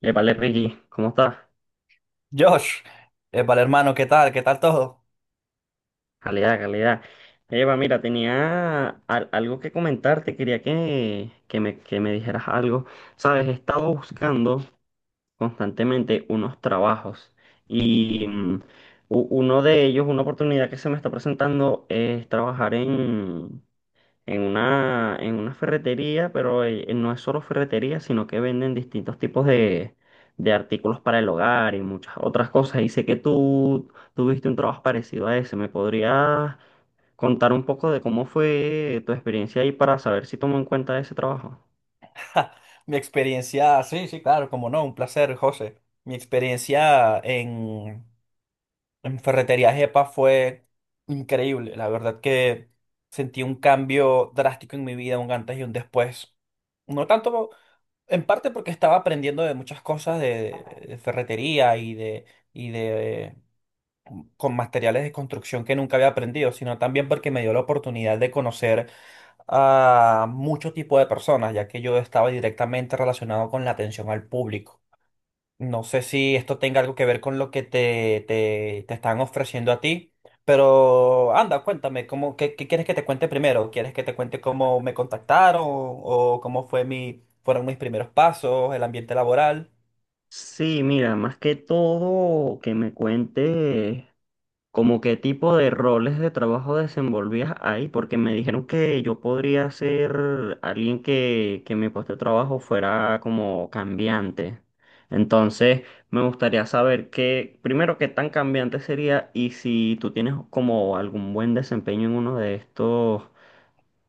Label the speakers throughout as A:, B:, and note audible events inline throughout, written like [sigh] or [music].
A: Vale, Ricky, ¿cómo estás?
B: Josh, vale hermano, ¿qué tal? ¿Qué tal todo?
A: Calidad, calidad. Eva, mira, tenía algo que comentarte, quería que me dijeras algo. Sabes, he estado buscando constantemente unos trabajos y uno de ellos, una oportunidad que se me está presentando es trabajar en en una ferretería, pero no es solo ferretería, sino que venden distintos tipos de artículos para el hogar y muchas otras cosas. Y sé que tú tuviste un trabajo parecido a ese. ¿Me podrías contar un poco de cómo fue tu experiencia ahí para saber si tomo en cuenta ese trabajo?
B: [laughs] Mi experiencia, sí, sí, claro, como no, un placer, José. Mi experiencia en Ferretería Jepa fue increíble. La verdad que sentí un cambio drástico en mi vida, un antes y un después. No tanto, en parte porque estaba aprendiendo de muchas cosas de ferretería y de con materiales de construcción que nunca había aprendido, sino también porque me dio la oportunidad de conocer a mucho tipo de personas, ya que yo estaba directamente relacionado con la atención al público. No sé si esto tenga algo que ver con lo que te están ofreciendo a ti, pero anda, cuéntame, ¿cómo, qué quieres que te cuente primero? ¿Quieres que te cuente cómo me contactaron o cómo fue fueron mis primeros pasos, el ambiente laboral?
A: Sí, mira, más que todo que me cuentes como qué tipo de roles de trabajo desenvolvías ahí, porque me dijeron que yo podría ser alguien que mi puesto de trabajo fuera como cambiante. Entonces, me gustaría saber qué, primero, qué tan cambiante sería y si tú tienes como algún buen desempeño en uno de estos,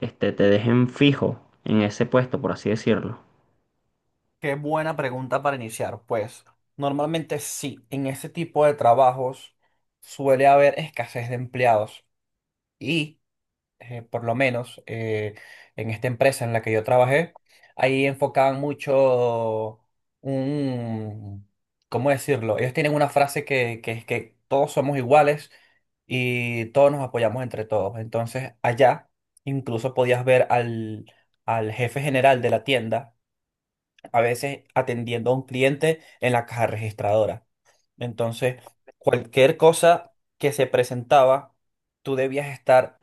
A: este, te dejen fijo en ese puesto, por así decirlo.
B: Qué buena pregunta para iniciar. Pues normalmente sí, en ese tipo de trabajos suele haber escasez de empleados. Y por lo menos en esta empresa en la que yo trabajé, ahí enfocaban mucho un, ¿cómo decirlo? Ellos tienen una frase que es que todos somos iguales y todos nos apoyamos entre todos. Entonces, allá incluso podías ver al jefe general de la tienda, a veces atendiendo a un cliente en la caja registradora. Entonces, cualquier cosa que se presentaba, tú debías estar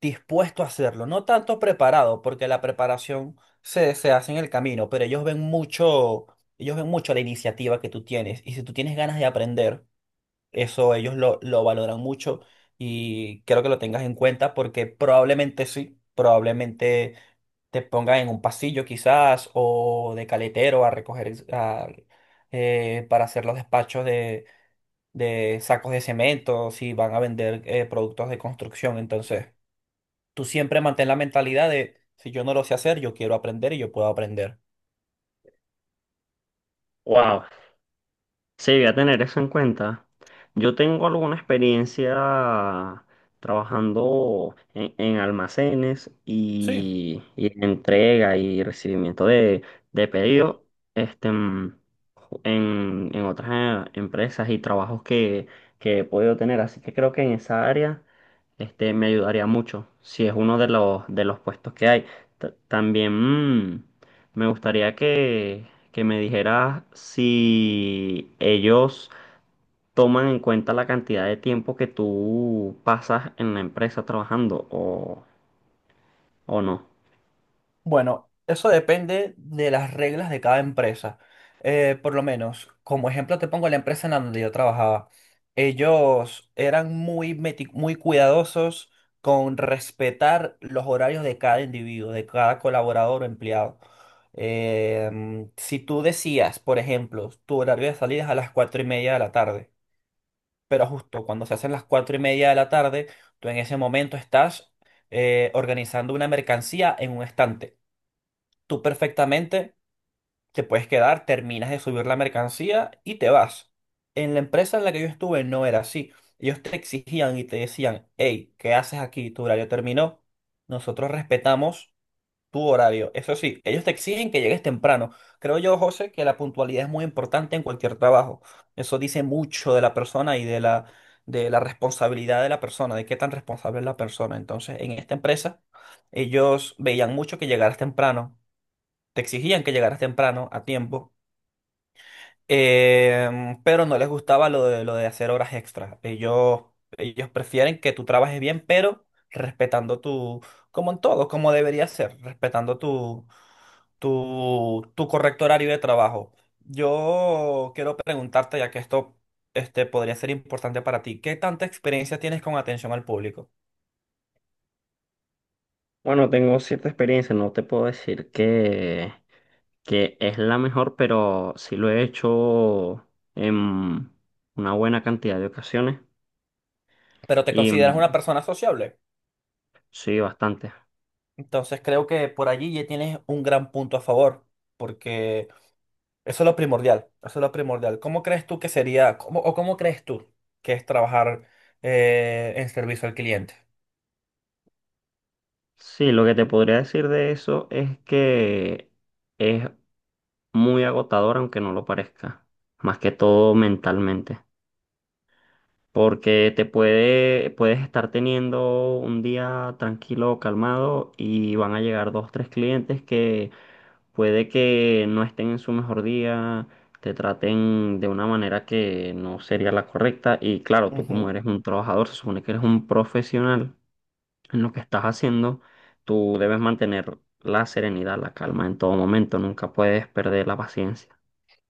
B: dispuesto a hacerlo, no tanto preparado, porque la preparación se hace en el camino, pero ellos ven mucho la iniciativa que tú tienes. Y si tú tienes ganas de aprender, eso lo valoran mucho y quiero que lo tengas en cuenta porque probablemente sí, probablemente te pongan en un pasillo quizás o de caletero a para hacer los despachos de sacos de cemento, si van a vender productos de construcción, entonces tú siempre mantén la mentalidad de, si yo no lo sé hacer, yo quiero aprender y yo puedo aprender.
A: Wow, sí, voy a tener eso en cuenta. Yo tengo alguna experiencia trabajando en almacenes
B: Sí,
A: y en entrega y recibimiento de pedidos este, en otras empresas y trabajos que he podido tener. Así que creo que en esa área este, me ayudaría mucho si es uno de los puestos que hay. También... me gustaría que me dijeras si ellos toman en cuenta la cantidad de tiempo que tú pasas en la empresa trabajando o no.
B: bueno, eso depende de las reglas de cada empresa. Por lo menos, como ejemplo te pongo la empresa en la donde yo trabajaba. Ellos eran muy cuidadosos con respetar los horarios de cada individuo, de cada colaborador o empleado. Si tú decías, por ejemplo, tu horario de salida es a las 4:30 de la tarde, pero justo cuando se hacen las 4:30 de la tarde, tú en ese momento estás organizando una mercancía en un estante. Tú perfectamente te puedes quedar, terminas de subir la mercancía y te vas. En la empresa en la que yo estuve no era así. Ellos te exigían y te decían, hey, ¿qué haces aquí? Tu horario terminó. Nosotros respetamos tu horario. Eso sí, ellos te exigen que llegues temprano. Creo yo, José, que la puntualidad es muy importante en cualquier trabajo. Eso dice mucho de la persona y de la responsabilidad de la persona, de qué tan responsable es la persona. Entonces, en esta empresa, ellos veían mucho que llegaras temprano, te exigían que llegaras temprano a tiempo, pero no les gustaba lo de hacer horas extras. Ellos prefieren que tú trabajes bien, pero respetando tu, como en todo, como debería ser, respetando tu correcto horario de trabajo. Yo quiero preguntarte, ya que esto este, podría ser importante para ti, ¿qué tanta experiencia tienes con atención al público?
A: Bueno, tengo cierta experiencia, no te puedo decir que es la mejor, pero sí lo he hecho en una buena cantidad de ocasiones
B: Pero te
A: y
B: consideras una persona sociable.
A: sí, bastante.
B: Entonces creo que por allí ya tienes un gran punto a favor, porque eso es lo primordial, eso es lo primordial. ¿Cómo crees tú que sería, cómo- o cómo crees tú que es trabajar en servicio al cliente?
A: Sí, lo que te podría decir de eso es que es muy agotador, aunque no lo parezca, más que todo mentalmente, porque te puedes estar teniendo un día tranquilo, calmado, y van a llegar dos, tres clientes que puede que no estén en su mejor día, te traten de una manera que no sería la correcta, y claro, tú como eres un trabajador, se supone que eres un profesional en lo que estás haciendo, tú debes mantener la serenidad, la calma en todo momento, nunca puedes perder la paciencia.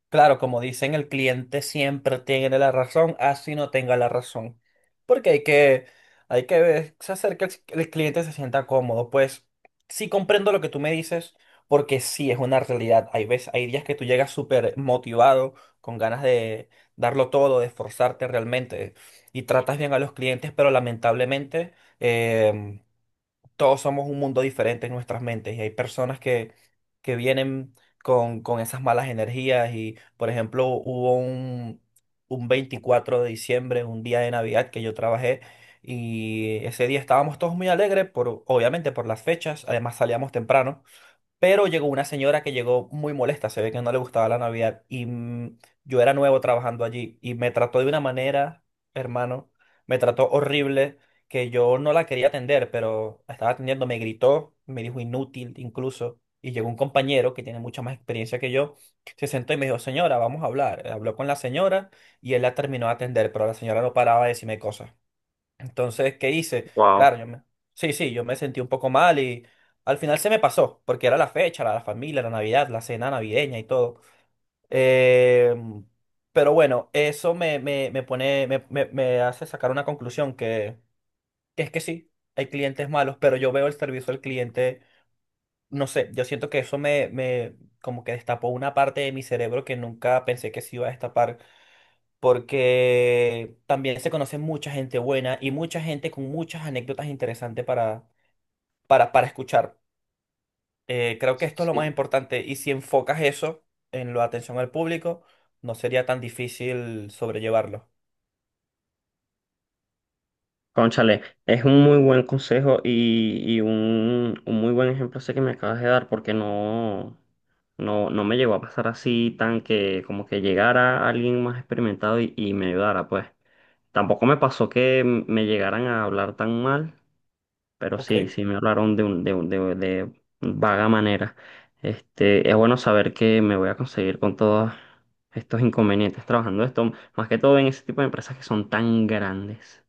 B: Claro, como dicen, el cliente siempre tiene la razón, así no tenga la razón. Porque hacer que el cliente se sienta cómodo. Pues sí comprendo lo que tú me dices, porque sí es una realidad. Hay veces, hay días que tú llegas súper motivado, con ganas de darlo todo, de esforzarte realmente, y tratas bien a los clientes, pero lamentablemente em, todos somos un mundo diferente en nuestras mentes y hay personas que vienen con esas malas energías y, por ejemplo, un 24 de diciembre, un día de Navidad que yo trabajé y ese día estábamos todos muy alegres, por, obviamente por las fechas, además salíamos temprano. Pero llegó una señora que llegó muy molesta, se ve que no le gustaba la Navidad y yo era nuevo trabajando allí y me trató de una manera, hermano, me trató horrible, que yo no la quería atender, pero estaba atendiendo, me gritó, me dijo inútil incluso, y llegó un compañero que tiene mucha más experiencia que yo, se sentó y me dijo, señora, vamos a hablar. Habló con la señora y él la terminó de atender, pero la señora no paraba de decirme cosas. Entonces, ¿qué hice?
A: Wow.
B: Claro, yo me... Sí, sí, yo me sentí un poco mal y al final se me pasó, porque era la fecha, la familia, la Navidad, la cena navideña y todo. Eh, pero bueno, eso me pone, me hace sacar una conclusión que es que sí, hay clientes malos, pero yo veo el servicio al cliente, no sé, yo siento que me como que destapó una parte de mi cerebro que nunca pensé que se iba a destapar porque también se conoce mucha gente buena y mucha gente con muchas anécdotas interesantes para escuchar. Creo que esto es lo más
A: Sí.
B: importante y si enfocas eso en la atención al público, no sería tan difícil sobrellevarlo.
A: Cónchale, es un muy buen consejo y un muy buen ejemplo ese que me acabas de dar, porque no me llegó a pasar así tan que como que llegara alguien más experimentado y me ayudara, pues. Tampoco me pasó que me llegaran a hablar tan mal, pero
B: Ok,
A: sí, sí me hablaron de de vaga manera. Este, es bueno saber que me voy a conseguir con todos estos inconvenientes trabajando esto, más que todo en ese tipo de empresas que son tan grandes.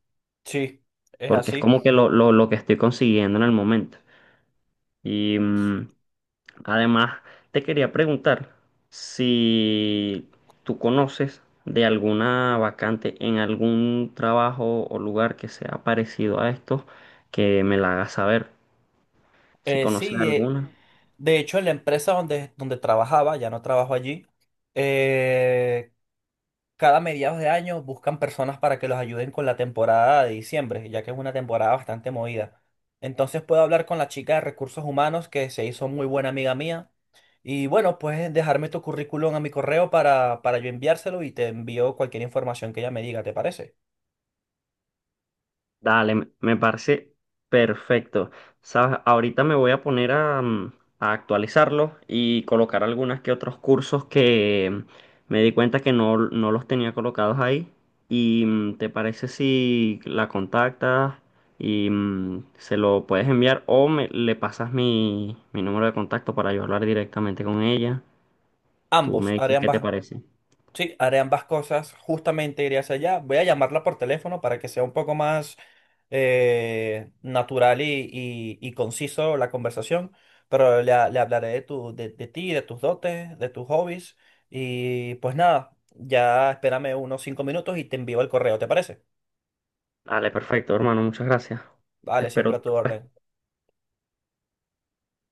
B: sí, es
A: Porque es
B: así.
A: como que lo que estoy consiguiendo en el momento. Y además te quería preguntar si tú conoces de alguna vacante en algún trabajo o lugar que sea parecido a estos, que me la hagas saber, si
B: Eh,
A: conoces
B: sí, de,
A: alguna.
B: de hecho, en la empresa donde trabajaba, ya no trabajo allí, eh, cada mediados de año buscan personas para que los ayuden con la temporada de diciembre, ya que es una temporada bastante movida. Entonces puedo hablar con la chica de recursos humanos que se hizo muy buena amiga mía. Y bueno, puedes dejarme tu currículum a mi correo para yo enviárselo y te envío cualquier información que ella me diga, ¿te parece?
A: Dale, me parece perfecto. Sabes, ahorita me voy a poner a, a actualizarlo y colocar algunas que otros cursos que me di cuenta que no, no los tenía colocados ahí. ¿Y te parece si la contactas y se lo puedes enviar o me, le pasas mi número de contacto para yo hablar directamente con ella? Tú
B: Ambos,
A: me
B: haré
A: dices qué te
B: ambas,
A: parece.
B: Sí, haré ambas cosas. Justamente iré hacia allá. Voy a llamarla por teléfono para que sea un poco más natural y conciso la conversación. Pero le hablaré de ti, de tus dotes, de tus hobbies. Y pues nada, ya espérame unos 5 minutos y te envío el correo, ¿te parece?
A: Dale, perfecto, hermano, muchas gracias.
B: Vale,
A: Espero
B: siempre a
A: tu
B: tu
A: respuesta.
B: orden.